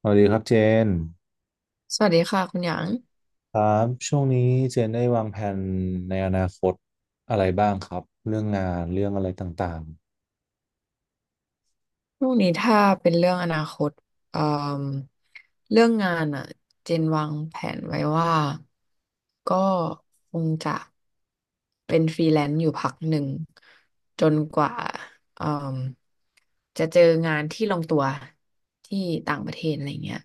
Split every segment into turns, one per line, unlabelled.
สวัสดีครับเจน
สวัสดีค่ะคุณหยาง
ครับช่วงนี้เจนได้วางแผนในอนาคตอะไรบ้างครับเรื่องงานเรื่องอะไรต่าง
ช่วงนี้ถ้าเป็นเรื่องอนาคตเอ่อเรื่องงานอ่ะเจนวางแผนไว้ว่าก็คงจะเป็นฟรีแลนซ์อยู่พักหนึ่งจนกว่าเอ่มจะเจองานที่ลงตัวที่ต่างประเทศอะไรเงี้ย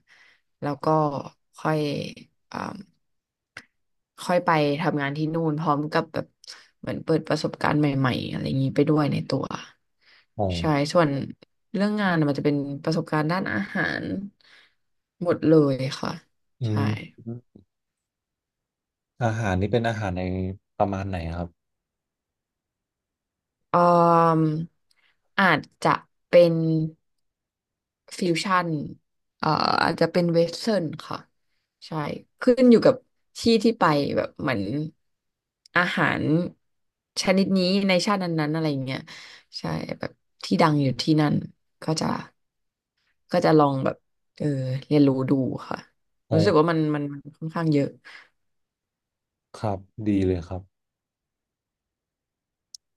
แล้วก็ค่อย ค่อยไปทำงานที่นู่นพร้อมกับแบบเหมือนเปิดประสบการณ์ใหม่ๆอะไรอย่างนี้ไปด้วยในตัว
ๆอ๋อ
ใช่ส่วนเรื่องงานน่ะมันจะเป็นประสบการณ์ด้านอาหารหมดเลยค่ะ
อื
ใช่
มอาหารนี่เป็นอาหารในประมาณไหนครับ
ออมอาจจะเป็นฟิวชั่นเอ่ออาจจะเป็นเวสเทิร์นค่ะใช่ขึ้นอยู่กับที่ที่ไปแบบเหมือนอาหารชนิดนี้ในชาตินั้นๆอะไรเงี้ยใช่แบบที่ดังอยู่ที่นั่นก็จะก็จะลองแบบเออเรียนรู้ดูค่ะ
อ๋
รู้สึก
อ
ว่ามันค่อนข้างเยอะ
ครับดีเลยครับ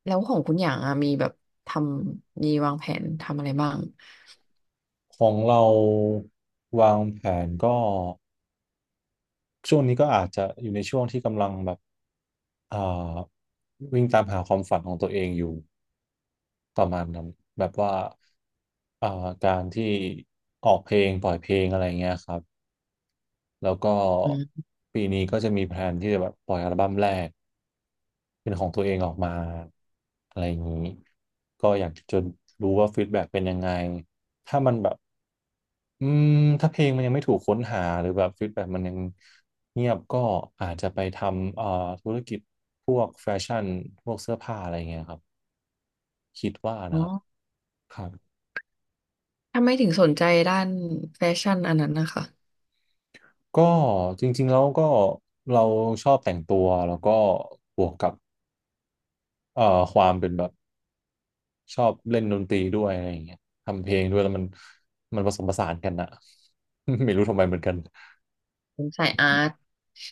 แล้วของคุณอย่างอะมีแบบทำมีวางแผนทำอะไรบ้าง
ของเราวางแผนก็ ช่วงนี้ก็อาจจะอยู่ในช่วงที่กำลังแบบเอ่อวิ่งตามหาความฝันของตัวเองอยู่ประมาณนั้นแบบว่าเอ่อการที่ออกเพลงปล่อยเพลงอะไรเงี้ยครับแล้วก็
อืม
ปีนี้ก็จะมีแพลนที่จะแบบปล่อยอัลบั้มแรกเป็นของตัวเองออกมาอะไรอย่างนี้ก็อยากจะรู้ว่าฟีดแบ็กเป็นยังไงถ้ามันแบบ อืมถ้าเพลงมันยังไม่ถูกค้นหาหรือแบบฟีดแบ็มันยังเงียบก็อาจจะไปทำธุรกิจพวกแฟชั่นพวกเสื้อผ้าอะไรเงี้ยครับคิดว่านะครับครับ
ทำไมถึงสนใจด้านแฟชั่นอันนั้นนะคะ
ก็จริงๆแล้วก็เราชอบแต่งตัวแล้วก็บวกกับเอ่อความเป็นแบบชอบเล่นดนตรีด้วยอะไรอย่างเงี้ยทำเพลงด้วยแล้วมันผสมผสานกันนะ ไม่รู้ทำไมเหมือนกัน
ผมสายอาร์ต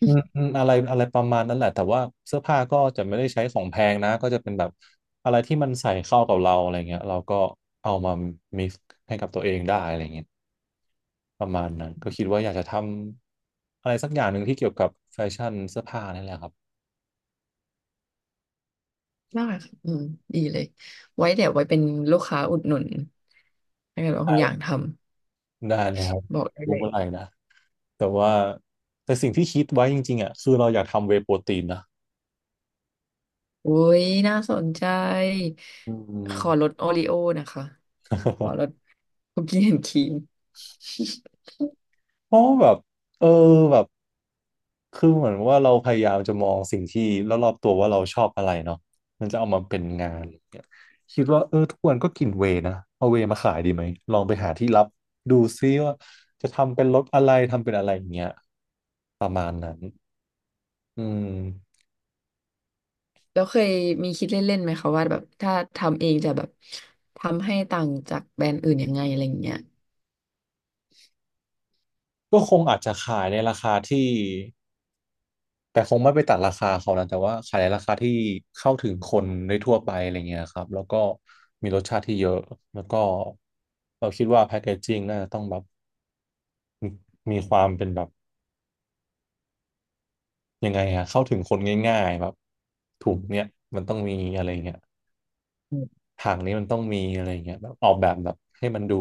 อืมอืมอะไรอะไรประมาณนั้นแหละแต่ว่าเสื้อผ้าก็จะไม่ได้ใช้ของแพงนะก็จะเป็นแบบอะไรที่มันใส่เข้ากับเราอะไรเงี้ยเราก็เอามา mix ให้กับตัวเองได้อะไรเงี้ยประมาณนั้นก็คิดว่าอยากจะทำอะไรสักอย่างหนึ่งที่เกี่ยวกับแฟชั่นเสื้อผ้านี่แหละครับ
มากค่ะอืมดีเลยไว้เดี๋ยวไว้เป็นลูกค้าอุดหนุนถ้าเกิดว่าคุณอยากท
ได้เลยครับ
ำบอกได้
รู้
เลย
เมื่อไหร่นะแต่ว่าแต่สิ่งที่คิดไว้จริงๆอ่ะคือเราอยากทำเวย์โปรตีนนะ
อุ้ยน่าสนใจ
อื
ขอล
ม
ดโอริโอนะคะขอลด คุกกี้แอนด์ครีม
เพราะว่าแบบเออแบบ คือเหมือนว่าเราพยายามจะมองสิ่งที่รอบๆตัวว่าเราชอบอะไรเนาะมันจะเอามาเป็นงานเนี่ยคิดว่าเออทุกวันก็กินเวย์นะเอาเวย์มาขายดีไหมลองไปหาที่รับดูซิว่าจะทำเป็นรถอะไรทำเป็นอะไรอย่างเงี้ยประมาณนั้นอืม
แล้วเคยมีคิดเล่นๆไหมคะว่าแบบถ้าทำเองจะแบบทำให้ต่างจากแบรนด์อื่นยังไงอะไรอย่างเงี้ย
ก็คงอาจจะขายในราคาที่แต่คงไม่ไปตัดราคาเขานะแต่ว่าขายในราคาที่เข้าถึงคนได้ทั่วไปอะไรเงี้ยครับแล้วก็มีรสชาติที่เยอะแล้วก็เราคิดว่าแพคเกจจิ้งน่าจะต้องแบบมีความเป็นแบบ ยังไงอะเข้าถึงคนง่ายๆแบบถูกเนี่ยมันต้องมีอะไรเงี้ย
อืม
ทางนี้มันต้องมีอะไรเงี้ยแบบออกแบบแบบให้มันดู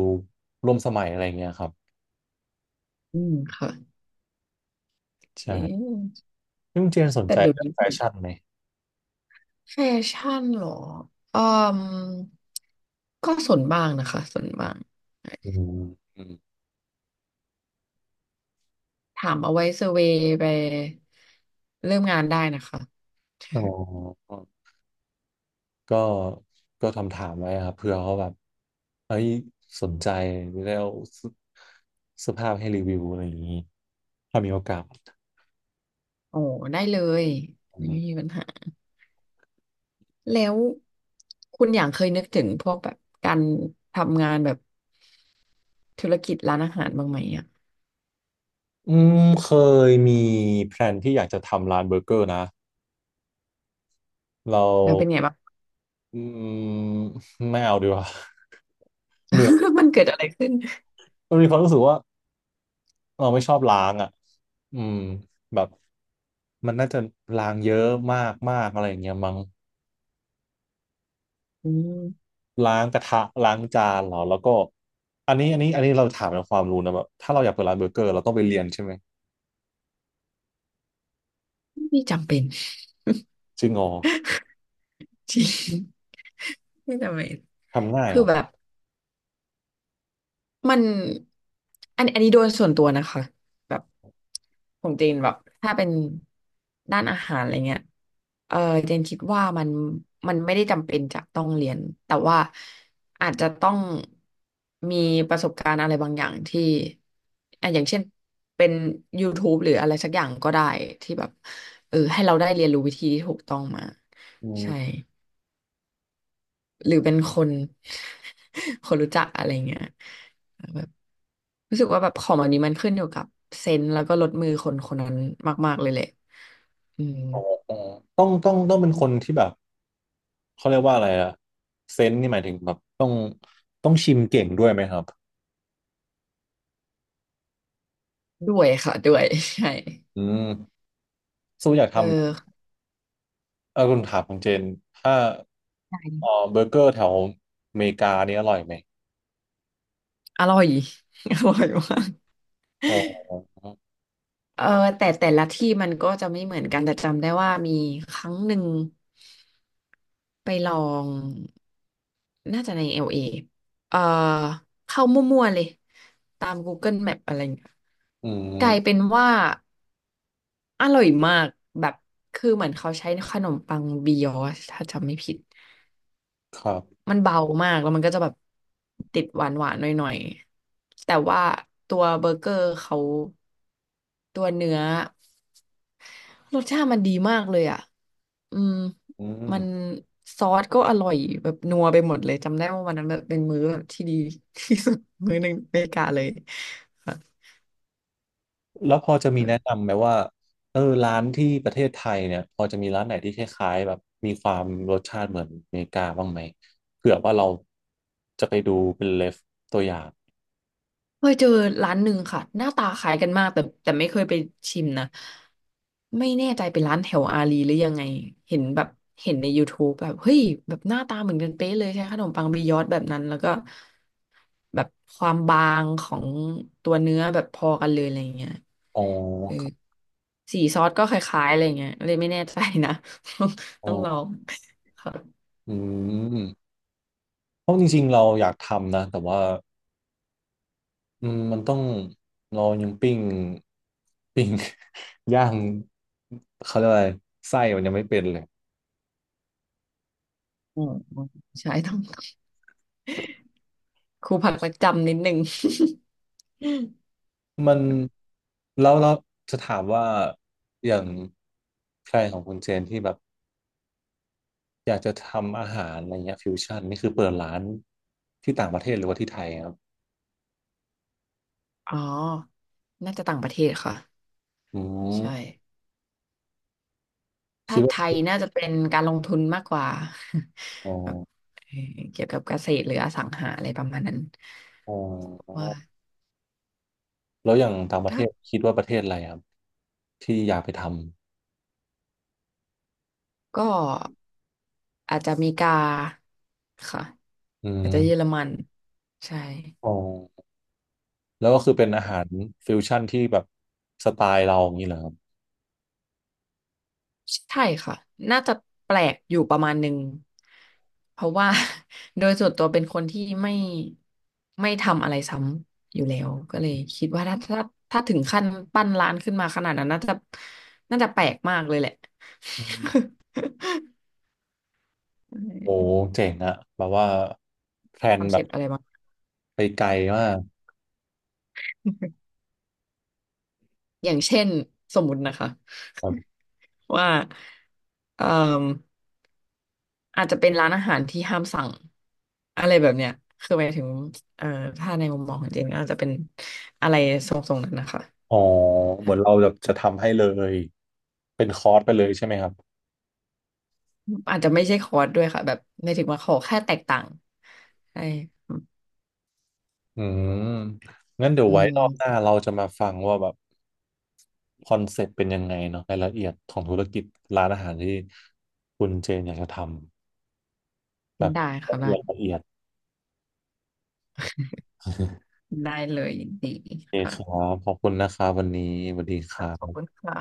ร่วมสมัยอะไรเงี้ยครับ
อืมค่ะ
ใช่
เอ๊ะ
นี่คุณเจนสน
แต่
ใจ
เดี๋ยว
เรื่อง
นี้
แฟ
เห็น
ชั่นไหม
แฟชั่นเหรอเอืมก็ส่วนบ้างนะคะส่วนบ้าง
อืมอืม
ถามเอาไว้เซอร์เวย์ไปเริ่มงานได้นะคะ
อ๋ อก็ก็ทำถามไว้ครับเผื่อเขาแบบเอ้ยสนใจแล้วเสื้อผ้าให้รีวิวอะไรอย่างนี้ถ้ามีโอกาส
โอ้ได้เลย
อื
ไม่มี
ม
ปัญหาแล้วคุณอย่างเคยนึกถึงพวกแบบการทำงานแบบธุรกิจร้านอาหารบ้างไหมอ่ะ
อืมเคยมีแพลนที่อยากจะทำร้านเบอร์เกอร์นะเรา
แล้วเป็นไงบ้าง
อืมไม่เอาดีกว่า เหนื่อย
มันเกิดอะไรขึ้น
มันมีความรู้สึกว่าเราไม่ชอบล้างอ่ะอืมแบบมันน่าจะล้างเยอะมากมากอะไรอย่างเงี้ยมั้ง
อืม
ล้างกระทะล้างจานเหรอแล้วก็อันนี้อันนี้อันนี้เราถามในความรู้นะแบบถ้าเราอยากเปิดร้านเบอร์เกอร์เราต้องไปเรียนใช่ไหม
ไม่จำเป็น
จริงเหรอ
จริงไม่จำเป็น
ทำง่าย
คื
เหร
อ
อ
แบบ มันอันนี้โดยส่วนตัวนะคะแบบของเจนแบบถ้าเป็นด้านอาหารอะไรเงี้ยเออเจนคิดว่ามันไม่ได้จำเป็นจะต้องเรียนแต่ว่าอาจจะต้องมีประสบการณ์อะไรบางอย่างที่อ่ะอย่างเช่นเป็น YouTube หรืออะไรสักอย่างก็ได้ที่แบบให้เราได้เรียนรู้วิธีที่ถูกต้องมา
อื
ใช่
ม
หรือเป็นคน คนรู้จักอะไรเงี้ย รู้สึกว่าแบบของแบบนี้มันขึ้นอยู่กับเซนส์แล้วก็ลดมือคนคนนั้นมากๆเลยแหละอืม
ต้องเป็นคนที่แบบเขาเรียกว่าอะไรอะเซนส์นี่หมายถึงแบบต้องชิมเก่งด้วยไหมครับ
ด้วยค่ะด้วย ใช่
อืมสู้อยาก
เอ
ทำ
อ
เออคุณถามของเจนถ้าเออเบอร์เกอร์แถวอเมริกานี่อร่อยไหม
อร่อย อร่อยมาก
อ๋อ
เออแต่แต่ละที่มันก็จะไม่เหมือนกันแต่จำได้ว่ามีครั้งหนึ่งไปลองน่าจะในเอลเอเออเข้ามั่วๆเลยตาม Google Map อะไรอย่างเงี้ย
อื
กลายเป็
ม
นว่า อร่อยมากแบบคือเหมือนเขาใช้ขนมปังบียอชถ้าจำไม่ผิด
ครับ
มันเบามากแล้วมันก็จะแบบติดหวานหวานหน่อยๆแต่ว่าตัวเบอร์เกอร์เขาตัวเนื้อรสชาติมันดีมากเลยอ่ะอืม
อืม
มันซอสก็อร่อยแบบนัวไปหมดเลยจำได้ว่าวันนั้นแบบเป็นมื้อแบบที่ดี ที่สุดมื้อหนึ่งในอเมริกาเลยค่ะ
แล้วพอจะมีแนะนำไหมว่าเออร้านที่ประเทศไทยเนี่ยพอจะมีร้านไหนที่คล้ายๆแบบมีความรสชาติเหมือนอเมริกาบ้างไหมเผื่อว่าเราจะไปดูเป็นเลฟตัวอย่าง
เคยเจอร้านหนึ่งค่ะหน้าตาคล้ายกันมากแต่แต่ไม่เคยไปชิมนะไม่แน่ใจเป็นร้านแถวอารีหรือยังไงเห็นแบบเห็นใน YouTube แบบเฮ้ยแบบหน้าตาเหมือนกันเป๊ะเลยใช้ขนมปังบียอดแบบนั้นแล้วก็แบบความบางของตัวเนื้อแบบพอกันเลยอะไรอย่างเงี้ย
อ๋อ
เออ
ครับ
สีซอสก็คล้ายๆอะไรอย่างเงี้ยเลยไม่แน่ใจนะ ต้อง
อ๋อ
ต้องลองค่ะ
อืมเพราะจริงๆเราอยากทำนะแต่ว่า อืมมันต้องเรายังปิ้ง ปิ้ง ย่างเขาเรียกว่าอะไรไส้มันยังไม่เป็นเลย
อืมใช่ต้องครูผักรักจำนิดนึง
มันแล้วเราจะถามว่าอย่างแพลนของคุณเจนที่แบบอยากจะทำอาหารอะไรเงี้ยฟิวชั่นนี่คือเปิดร้านที่ต่างประเทศหรือว่าที่ไทยครับ
อ๋อ น่าจะต่างประเทศค่ะ
อื
ใช่
มคิ
ถ้า
ด
ไท
ว่า
ยน่าจะเป็นการลงทุนมากกว่า
อ๋อ
แบบเกี่ยวกับเกษตรหรืออสังหาอะไรประมาณนั้น
อ๋
ว่า
อแล้วอย่างต่างประเท
ถ้า
ศคิดว่าประเทศอะไรครับที่อยากไปท
ก็อาจจะอเมริกาค่ะ
ำอื
อาจ
ม
จะเยอรมันใช่
อ๋อ แล้วก็คือเป็นอาหารฟิวชั่นที่แบบสไตล์เราอย่างนี้เหรอครับ
ใช่ค่ะ น่าจะแปลกอยู่ประมาณหนึ่ง เพราะว่า โดยส่วนตัวเป็นคนที่ไม่ทำอะไรซ้ำอยู่แล้ว ก็เลยคิดว่าถ้าถึงขั้นปั้นร้านขึ้นมาขนาดนั้นน่าจะแปลกมากเลยแหละ
อืมโอ้เจ๋งอะแบบว่าแพล
ค
น
อน
แบ
เซ
บ
ปต์อะไรบ้าง
ไปไกลมาก
อย่างเช่นสมมุตินะคะ
แบบ
ว่าเอ่อ อาจจะเป็นร้านอาหารที่ห้ามสั่งอะไรแบบเนี้ยคือหมายถึงเอ่อถ้าในมุมมองของเจนก็อาจจะเป็นอะไรทรงๆนั้นนะคะ
อ๋อเหมือนเราแบบจะทำให้เลยเป็นคอร์สไปเลยใช่ไหมครับ
อาจจะไม่ใช่คอร์สด้วยค่ะแบบไม่ถึงว่าขอแค่แตกต่างใช่
อืมงั้นเดี๋ยว
อื
ไว้ร
ม
อบหน้าเราจะมาฟังว่าแบบคอนเซ็ปต์เป็นยังไงเนาะรายละเอียดของธุรกิจร้านอาหารที่คุณเจนอยากจะทำแบบ
ได้ค่ะ
ละ
ได้
เอียดละเอียดโ
ได้เลยยินดี
อเค
ค่ะ
ครับขอบคุณนะครับวันนี้สวัสดีครั
ขอบคุ
บ
ณค่ะ